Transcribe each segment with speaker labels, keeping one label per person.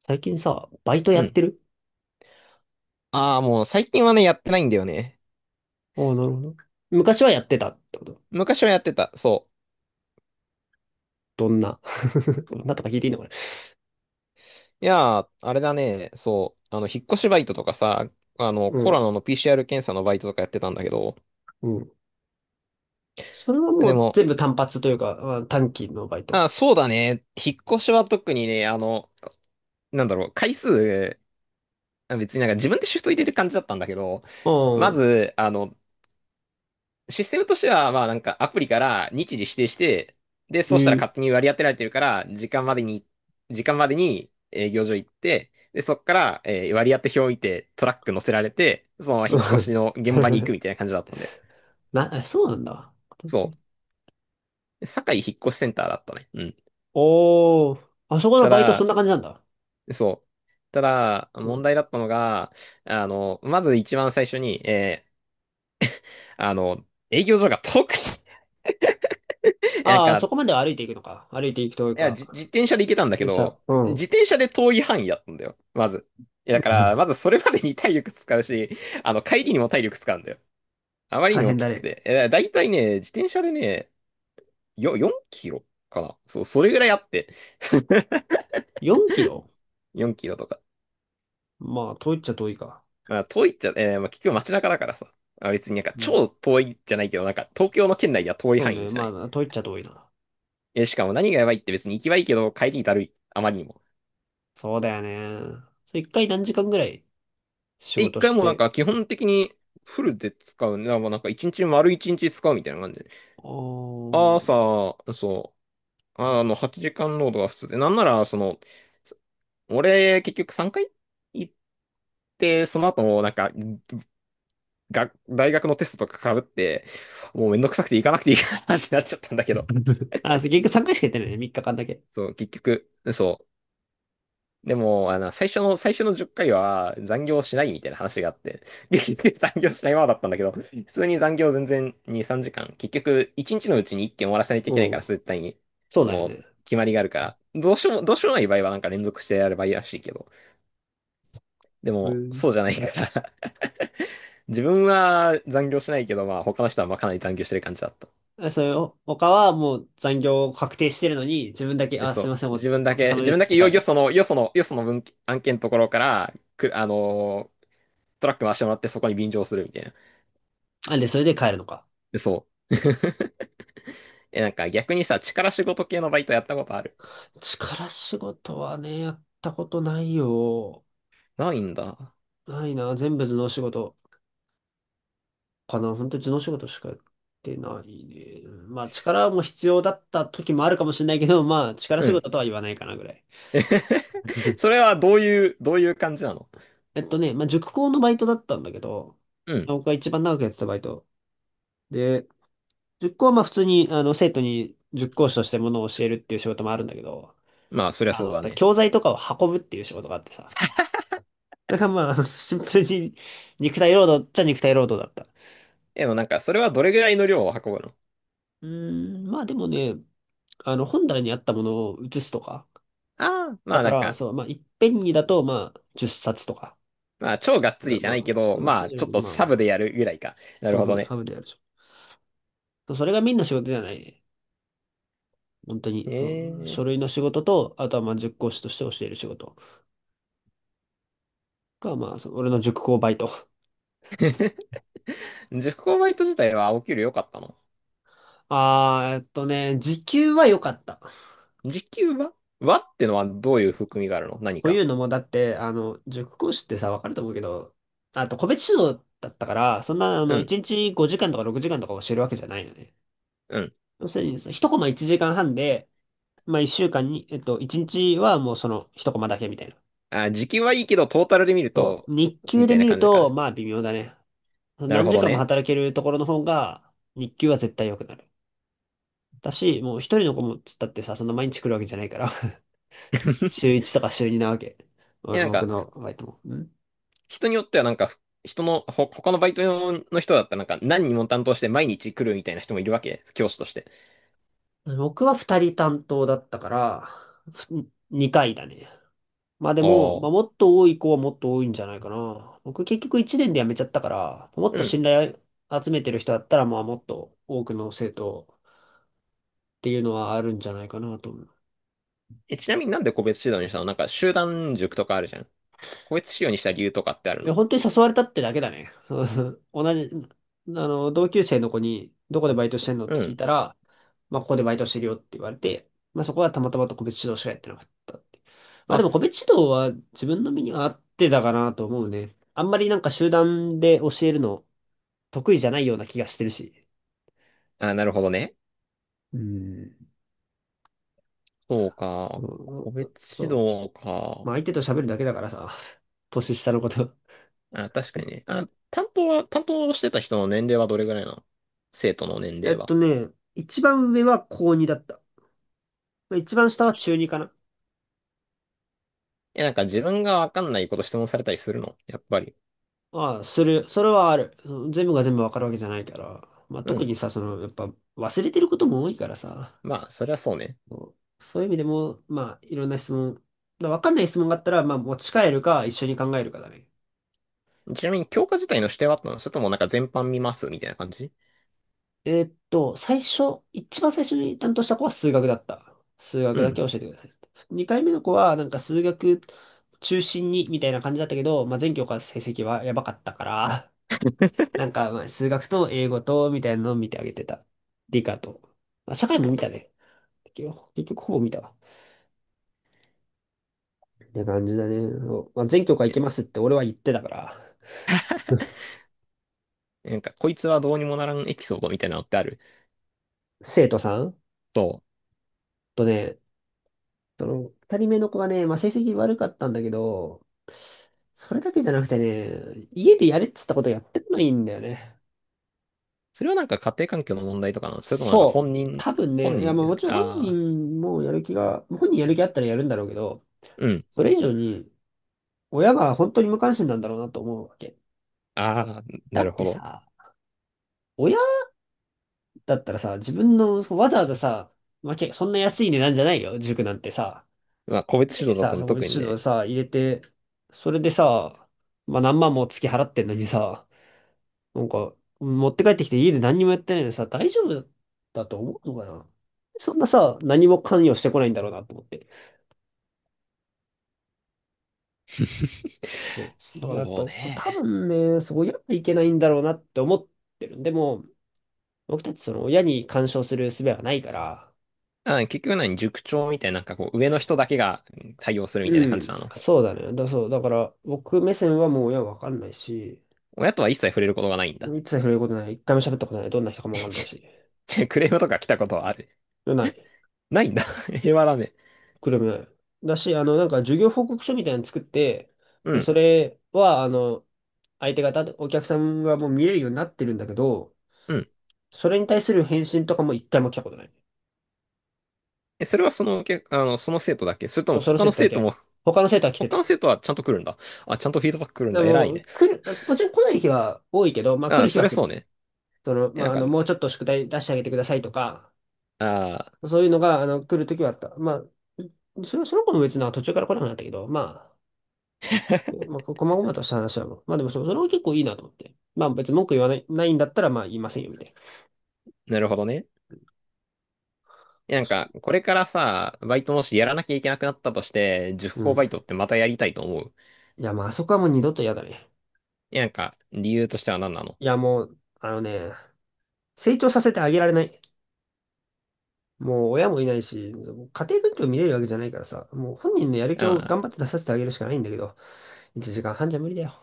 Speaker 1: 最近さ、バイト
Speaker 2: う
Speaker 1: やっ
Speaker 2: ん。
Speaker 1: てる？
Speaker 2: ああ、もう最近はね、やってないんだよね。
Speaker 1: おー、なるほど。昔はやってたってこと？
Speaker 2: 昔はやってた。そ
Speaker 1: どんな どんなとか聞いていいのかな？
Speaker 2: う。いやー、あれだね。そう。引っ越しバイトとかさ、
Speaker 1: う
Speaker 2: コ
Speaker 1: ん。
Speaker 2: ロナの PCR 検査のバイトとかやってたんだけど。
Speaker 1: うん。それはも
Speaker 2: で
Speaker 1: う
Speaker 2: も、
Speaker 1: 全部単発というか、あ、短期のバイト。
Speaker 2: ああ、そうだね。引っ越しは特にね、なんだろう、回数、別になんか自分でシフト入れる感じだったんだけど、
Speaker 1: う
Speaker 2: ま
Speaker 1: ん。
Speaker 2: ず、システムとしては、まあなんかアプリから日時指定して、で、そうしたら
Speaker 1: え
Speaker 2: 勝手に割り当てられてるから、時間までに営業所行って、で、そっから、割り当て表置いてトラック乗せられて、そのまま引っ越しの
Speaker 1: ー
Speaker 2: 現場に行 くみたいな感じだったんで。
Speaker 1: そうなんだ。
Speaker 2: そう。堺引っ越しセンターだったね。うん。
Speaker 1: おー。あそこの
Speaker 2: た
Speaker 1: バイトそん
Speaker 2: だ、
Speaker 1: な感じなんだ。
Speaker 2: そう。ただ、
Speaker 1: う
Speaker 2: 問
Speaker 1: ん。
Speaker 2: 題だったのが、まず一番最初に、あの、営業所が遠くて、なん
Speaker 1: ああ、そ
Speaker 2: か、
Speaker 1: こまでは歩いていくのか。歩いていくという
Speaker 2: いや、
Speaker 1: か。
Speaker 2: 自転車で行けたんだけ
Speaker 1: でさ、
Speaker 2: ど、
Speaker 1: うん。う
Speaker 2: 自転車で遠い範囲だったんだよ、まず。いや、だから、ま
Speaker 1: ん、
Speaker 2: ずそれまでに体力使うし、帰りにも体力使うんだよ。あまり
Speaker 1: 大
Speaker 2: にも
Speaker 1: 変
Speaker 2: き
Speaker 1: だ
Speaker 2: つく
Speaker 1: ね。
Speaker 2: て。いやだいたいね、自転車でね、4キロかな。そう、それぐらいあって。
Speaker 1: 4キロ？
Speaker 2: 4キロとか。
Speaker 1: まあ、遠いっちゃ遠いか。
Speaker 2: まあ、遠いっちゃ、まあ、結局街中だからさ。まあ、別になんか
Speaker 1: うん。
Speaker 2: 超遠いじゃないけど、なんか東京の県内では遠い
Speaker 1: そう
Speaker 2: 範囲
Speaker 1: ね。
Speaker 2: じゃない。
Speaker 1: まあ、遠いっちゃ遠いな。
Speaker 2: え、しかも何がやばいって別に行きはいいけど、帰りだるい。あまりにも。
Speaker 1: そうだよね。それ一回何時間ぐらい仕
Speaker 2: で、一
Speaker 1: 事
Speaker 2: 回
Speaker 1: し
Speaker 2: もなん
Speaker 1: て？
Speaker 2: か基本的にフルで使うね。だからなんか一日丸一日使うみたいな感じで。
Speaker 1: おー。
Speaker 2: 朝、そう、8時間労働が普通で。なんなら、俺、結局3回行って、その後もなんか、大学のテストとか被って、もうめんどくさくて行かなくていいかなってなっちゃったんだけど。
Speaker 1: あ、そう結局3回しかやってないね。3日間だけ。
Speaker 2: そう、結局、そう。でも、最初の10回は残業しないみたいな話があって、残業しないままだったんだけど、普通に残業全然2、3時間、結局1日のうちに1件終わらせないとい
Speaker 1: う
Speaker 2: けないから、
Speaker 1: ん。
Speaker 2: 絶対に、
Speaker 1: そう
Speaker 2: そ
Speaker 1: だよ
Speaker 2: の、
Speaker 1: ね。
Speaker 2: 決まりがあるから、どうしようもない場合はなんか連続してやればいいらしいけど、で
Speaker 1: う
Speaker 2: も、
Speaker 1: ん。
Speaker 2: そうじゃないから 自分は残業しないけど、まあ他の人はまあかなり残業してる感じだった。
Speaker 1: あ、それを、他はもう残業確定してるのに、自分だけ、
Speaker 2: え、
Speaker 1: あ、すい
Speaker 2: そ
Speaker 1: ません、お、
Speaker 2: う。
Speaker 1: お疲れ様
Speaker 2: 自
Speaker 1: で
Speaker 2: 分
Speaker 1: す
Speaker 2: だ
Speaker 1: っ
Speaker 2: け
Speaker 1: て帰
Speaker 2: よ、
Speaker 1: るの？
Speaker 2: よその文案件のところから、く、あのートラック回してもらってそこに便乗するみたいな。
Speaker 1: あ、で、それで帰るのか。
Speaker 2: そう。え、なんか逆にさ、力仕事系のバイトやったことある？
Speaker 1: 力仕事はね、やったことないよ。
Speaker 2: ないんだ。
Speaker 1: ないな、全部頭脳仕事。かな、本当に頭脳仕事しかやってないね。まあ力も必要だった時もあるかもしれないけど、まあ力
Speaker 2: う
Speaker 1: 仕
Speaker 2: ん。
Speaker 1: 事とは言わないかなぐらい。
Speaker 2: それはどういう感じなの？
Speaker 1: まあ塾講のバイトだったんだけど、
Speaker 2: うん。
Speaker 1: 僕が一番長くやってたバイト。で、塾講はまあ普通に生徒に塾講師としてものを教えるっていう仕事もあるんだけど、
Speaker 2: まあ、そりゃそうだね。
Speaker 1: 教材とかを運ぶっていう仕事があってさ。だからまあ、シンプルに肉体労働っちゃ肉体労働だった。
Speaker 2: でもなんか、それはどれぐらいの量を運ぶの？
Speaker 1: うーん、まあでもね、本棚にあったものを写すとか、
Speaker 2: ああー、ま
Speaker 1: だ
Speaker 2: あ
Speaker 1: か
Speaker 2: なん
Speaker 1: ら、
Speaker 2: か、
Speaker 1: そう、まあ、いっぺんにだと、まあ、10冊とか。
Speaker 2: まあ超がっつりじゃ
Speaker 1: ま
Speaker 2: な
Speaker 1: あ、
Speaker 2: いけど、
Speaker 1: まあ、
Speaker 2: ま
Speaker 1: 通
Speaker 2: あ
Speaker 1: 常よ
Speaker 2: ちょっ
Speaker 1: り
Speaker 2: と
Speaker 1: ま
Speaker 2: サブで
Speaker 1: あ、
Speaker 2: やるぐらいか。な
Speaker 1: そ
Speaker 2: る
Speaker 1: う
Speaker 2: ほ
Speaker 1: そ
Speaker 2: ど
Speaker 1: う、
Speaker 2: ね。
Speaker 1: サブでやるでしょ。それがみんな仕事じゃないね。本当に、うん、書
Speaker 2: え
Speaker 1: 類
Speaker 2: え。
Speaker 1: の仕事と、あとはまあ、塾講師として教える仕事が、まあ、その俺の塾講バイト。
Speaker 2: 塾講バイト自体はお給料良かったの？
Speaker 1: あー、時給は良かった。
Speaker 2: 時給は？はってのはどういう含みがあるの、何
Speaker 1: とい
Speaker 2: か？
Speaker 1: うのも、だって、塾講師ってさ、わかると思うけど、あと、個別指導だったから、そんな、
Speaker 2: うん、
Speaker 1: 1日5時間とか6時間とか教えるわけじゃないのね。
Speaker 2: うん。
Speaker 1: 要するにさ、その一コマ1時間半で、まあ、一週間に、一日はもうその一コマだけみたいな。
Speaker 2: あ、時給はいいけど、トータルで見る
Speaker 1: そ
Speaker 2: と、
Speaker 1: う。日給
Speaker 2: みた
Speaker 1: で
Speaker 2: いな
Speaker 1: 見る
Speaker 2: 感じ
Speaker 1: と、
Speaker 2: か。
Speaker 1: まあ微妙だね。
Speaker 2: なる
Speaker 1: 何
Speaker 2: ほ
Speaker 1: 時
Speaker 2: ど
Speaker 1: 間も
Speaker 2: ね。
Speaker 1: 働けるところの方が、日給は絶対良くなる。だし、もう一人の子もつったってさ、そんな毎日来るわけじゃないから 週 一とか週二なわけ。
Speaker 2: いや、なん
Speaker 1: 僕
Speaker 2: か、
Speaker 1: のバイトも。うん。
Speaker 2: 人によってはなんか、人の、ほ、他のバイトの人だったらなんか、何人も担当して毎日来るみたいな人もいるわけ、教師として。
Speaker 1: 僕は二人担当だったから、二回だね。まあでも、
Speaker 2: お
Speaker 1: まあ、も
Speaker 2: ー。
Speaker 1: っと多い子はもっと多いんじゃないかな。僕結局1年で辞めちゃったから、もっ
Speaker 2: う
Speaker 1: と
Speaker 2: ん。
Speaker 1: 信頼集めてる人だったら、まあもっと多くの生徒っていうのはあるんじゃないかなと思う。
Speaker 2: え、ちなみになんで個別指導にしたの？なんか、集団塾とかあるじゃん。個別指導にした理由とかってある
Speaker 1: いや、
Speaker 2: の？
Speaker 1: 本当に誘われたってだけだね。同じ、同級生の子に、どこでバイトしてんのっ
Speaker 2: う
Speaker 1: て聞い
Speaker 2: ん。
Speaker 1: たら、まあここでバイトしてるよって言われて、まあそこはたまたまと個別指導しかやってなかったって。まあで
Speaker 2: あ、
Speaker 1: も個別指導は自分の身には合ってたかなと思うね。あんまりなんか集団で教えるの、得意じゃないような気がしてるし。
Speaker 2: あ、なるほどね。
Speaker 1: うん。
Speaker 2: そうか。個
Speaker 1: そう
Speaker 2: 別
Speaker 1: そ
Speaker 2: 指
Speaker 1: う。
Speaker 2: 導
Speaker 1: まあ
Speaker 2: か。
Speaker 1: 相手と喋るだけだからさ、年下のこと。
Speaker 2: あ、確かにね。あ、担当してた人の年齢はどれぐらいなの？生徒の年
Speaker 1: えっ
Speaker 2: 齢は？
Speaker 1: とね、一番上は高2だった。一番下は中2かな。
Speaker 2: え、なんか自分がわかんないこと質問されたりするの、やっぱり？
Speaker 1: ああ、する。それはある。うん、全部が全部わかるわけじゃないから。まあ
Speaker 2: う
Speaker 1: 特
Speaker 2: ん。
Speaker 1: にさ、その、やっぱ忘れてることも多いからさ。
Speaker 2: まあ、そりゃそうね。
Speaker 1: そう、そういう意味でも、まあいろんな質問。だからわかんない質問があったら、まあ持ち帰るか一緒に考えるかだね。
Speaker 2: ちなみに教科自体の指定はあったの？それともなんか全般見ますみたいな感じ？
Speaker 1: 一番最初に担当した子は数学だった。数学
Speaker 2: う
Speaker 1: だ
Speaker 2: ん。
Speaker 1: け教えてください。二回目の子は、なんか数学中心にみたいな感じだったけど、まあ、全教科成績はやばかったから、なんかまあ数学と英語とみたいなのを見てあげてた。理科と。まあ、社会も見たね。結局ほぼ見たわ。って感じだね。そうまあ、全教科行
Speaker 2: え、
Speaker 1: けますって俺は言ってたから。
Speaker 2: なんか、こいつはどうにもならんエピソードみたいなのってある？
Speaker 1: 生徒さん
Speaker 2: そう。
Speaker 1: とね、その、二人目の子がね、まあ、成績悪かったんだけど、それだけじゃなくてね、家でやれっつったことやってこないんだよね。
Speaker 2: それはなんか家庭環境の問題とかなの？それともなんか
Speaker 1: そ
Speaker 2: 本
Speaker 1: う。
Speaker 2: 人、
Speaker 1: 多分
Speaker 2: 本
Speaker 1: ね、いや、
Speaker 2: 人
Speaker 1: ま
Speaker 2: じ
Speaker 1: あ
Speaker 2: ゃな
Speaker 1: も
Speaker 2: く
Speaker 1: ち
Speaker 2: て、
Speaker 1: ろん本
Speaker 2: ああ、
Speaker 1: 人もやる気が、本人やる気あったらやるんだろうけど、
Speaker 2: うん。
Speaker 1: それ以上に、親が本当に無関心なんだろうなと思うわけ。
Speaker 2: ああ、
Speaker 1: だ
Speaker 2: な
Speaker 1: っ
Speaker 2: る
Speaker 1: て
Speaker 2: ほど。
Speaker 1: さ、親だったらさ、自分の、そうわざわざさ、まあ、そんな安い値段じゃないよ、塾なんてさ。
Speaker 2: まあ、個
Speaker 1: 入
Speaker 2: 別
Speaker 1: れ
Speaker 2: 指
Speaker 1: て
Speaker 2: 導だっ
Speaker 1: さ、
Speaker 2: たの
Speaker 1: そこに
Speaker 2: 特に
Speaker 1: 指
Speaker 2: ね。
Speaker 1: 導さ、入れて、それでさ、まあ何万も月払ってんのにさ、なんか、持って帰ってきて家で何にもやってないのにさ、大丈夫だと思うのかな？そんなさ、何も関与してこないんだろうなと思って。そう。だからやっぱ、
Speaker 2: そう
Speaker 1: 多
Speaker 2: ね。
Speaker 1: 分ね、そうやっていけないんだろうなって思ってる。でも、僕たちその親に干渉する術はないから、
Speaker 2: あ、結局何塾長みたいな、なんかこう、上の人だけが、うん、対応するみたいな
Speaker 1: う
Speaker 2: 感じ
Speaker 1: ん、
Speaker 2: なの？
Speaker 1: そうだね。そう。だから、僕目線はもう親わかんないし、
Speaker 2: 親とは一切触れることがないんだ。
Speaker 1: 一切触れることない。一回も喋ったことない。どんな人か もわかんない
Speaker 2: ち
Speaker 1: し。
Speaker 2: くれームとか来たことはある？
Speaker 1: ない。
Speaker 2: ないんだ。平和だね。
Speaker 1: くるない。だし、なんか授業報告書みたいなの作って、
Speaker 2: う
Speaker 1: で、そ
Speaker 2: ん。
Speaker 1: れは、相手方、お客さんがもう見えるようになってるんだけど、
Speaker 2: うん。
Speaker 1: それに対する返信とかも一回も来たことない。
Speaker 2: え、それはその、け、あの、その生徒だけ？それと
Speaker 1: そ
Speaker 2: も
Speaker 1: う、その
Speaker 2: 他
Speaker 1: 生
Speaker 2: の
Speaker 1: 徒だ
Speaker 2: 生徒
Speaker 1: け。
Speaker 2: も、
Speaker 1: 他の生徒は来て
Speaker 2: 他
Speaker 1: た。
Speaker 2: の生徒はちゃんと来るんだ。あ、ちゃんとフィードバック来るん
Speaker 1: で
Speaker 2: だ。偉い
Speaker 1: も、
Speaker 2: ね。
Speaker 1: 来る、もちろん来ない日は多いけど、まあ来る
Speaker 2: あ、
Speaker 1: 日
Speaker 2: そ
Speaker 1: は
Speaker 2: りゃ
Speaker 1: 来る。
Speaker 2: そうね。
Speaker 1: その、
Speaker 2: え、
Speaker 1: ま
Speaker 2: なん
Speaker 1: あ、
Speaker 2: か、
Speaker 1: もうちょっと宿題出してあげてくださいとか、
Speaker 2: あ
Speaker 1: そういうのが、来るときはあった。まあ、それはその子も別になんか途中から来なくなったけど、まあ、まあ、こまごまとした話はもう。まあでもそれも結構いいなと思って。まあ別に文句言わない、ないんだったらまあ言いませんよ、みたいな。
Speaker 2: ー、なるほどね。え、なん
Speaker 1: 私、
Speaker 2: か、これからさ、バイトもしやらなきゃいけなくなったとして、塾
Speaker 1: う
Speaker 2: 講バ
Speaker 1: ん。
Speaker 2: イトってまたやりたいと思う？
Speaker 1: いや、まああそこはもう二度と嫌だね。
Speaker 2: え、なんか、理由としては何なの？
Speaker 1: いや、もう、成長させてあげられない。もう親もいないし、家庭環境見れるわけじゃないからさ、もう本人のやる
Speaker 2: あ
Speaker 1: 気を頑張
Speaker 2: ー、
Speaker 1: って出させてあげるしかないんだけど、1時間半じゃ無理だよ。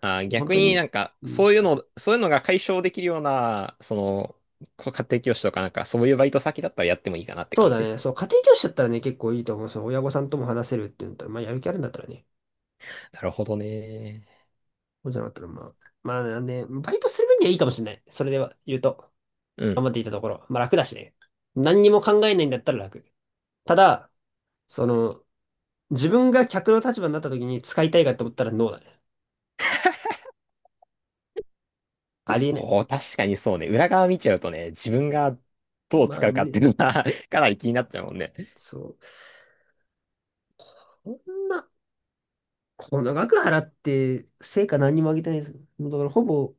Speaker 2: あー、
Speaker 1: もう本
Speaker 2: 逆
Speaker 1: 当
Speaker 2: に
Speaker 1: に。
Speaker 2: なんか、
Speaker 1: うん。
Speaker 2: そういうのが解消できるような、こう家庭教師とかなんか、そういうバイト先だったらやってもいいかなって
Speaker 1: そう
Speaker 2: 感
Speaker 1: だ
Speaker 2: じ。
Speaker 1: ね。そう、家庭教師だったらね、結構いいと思う。その親御さんとも話せるって言うんだったら、まあやる気あるんだったらね。
Speaker 2: なるほどね。
Speaker 1: そうじゃなかったら、まあ。まあ、なんで、バイトする分にはいいかもしれない。それでは言うと、
Speaker 2: うん。
Speaker 1: 頑張っていたところ。まあ楽だしね。何にも考えないんだったら楽。ただ、その、自分が客の立場になった時に使いたいかと思ったらノーだね。ありえない。
Speaker 2: おー、確かにそうね。裏側見ちゃうとね、自分がどう
Speaker 1: まあ、
Speaker 2: 使う
Speaker 1: 無
Speaker 2: かって
Speaker 1: 理。
Speaker 2: いうのは かなり気になっちゃうもんね。
Speaker 1: そう。こんな、この額払って、成果何にもあげてないです。もうだから、ほぼ、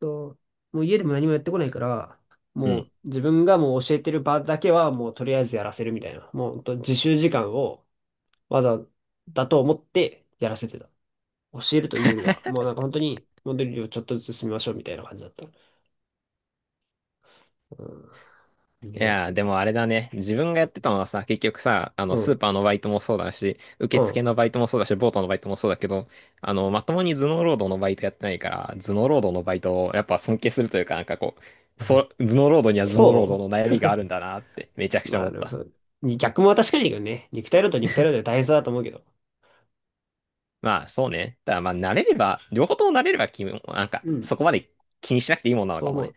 Speaker 1: と、もう家でも何もやってこないから、
Speaker 2: う
Speaker 1: も
Speaker 2: ん。
Speaker 1: う自分がもう教えてる場だけはもうとりあえずやらせるみたいな。もうほんと自習時間を技だと思ってやらせてた。教えるというよりは、もうなんか本当にモデルをちょっとずつ進みましょうみたいな感じだった。うん。
Speaker 2: い
Speaker 1: ね。
Speaker 2: やー、でもあれだね。自分がやってたのはさ、結局さ、
Speaker 1: う
Speaker 2: スー
Speaker 1: ん。
Speaker 2: パーのバイトもそうだし、受
Speaker 1: うん。
Speaker 2: 付のバイトもそうだし、ボートのバイトもそうだけど、まともに頭脳労働のバイトやってないから、頭脳労働のバイトをやっぱ尊敬するというか、なんかこう、そう、頭脳労 働には頭脳労
Speaker 1: そ
Speaker 2: 働の悩みがあるんだなって、めちゃく
Speaker 1: う、
Speaker 2: ちゃ
Speaker 1: ま
Speaker 2: 思
Speaker 1: あ
Speaker 2: っ
Speaker 1: でも
Speaker 2: た。
Speaker 1: そう。逆も確かにいいけどね。肉体労働で大変そうだと思うけど。
Speaker 2: まあ、そうね。ただまあ、慣れれば、両方とも慣れれば、君も、なんか、
Speaker 1: うん。
Speaker 2: そこまで気にしなくていいもんなの
Speaker 1: そう
Speaker 2: かも
Speaker 1: 思
Speaker 2: ね。
Speaker 1: う。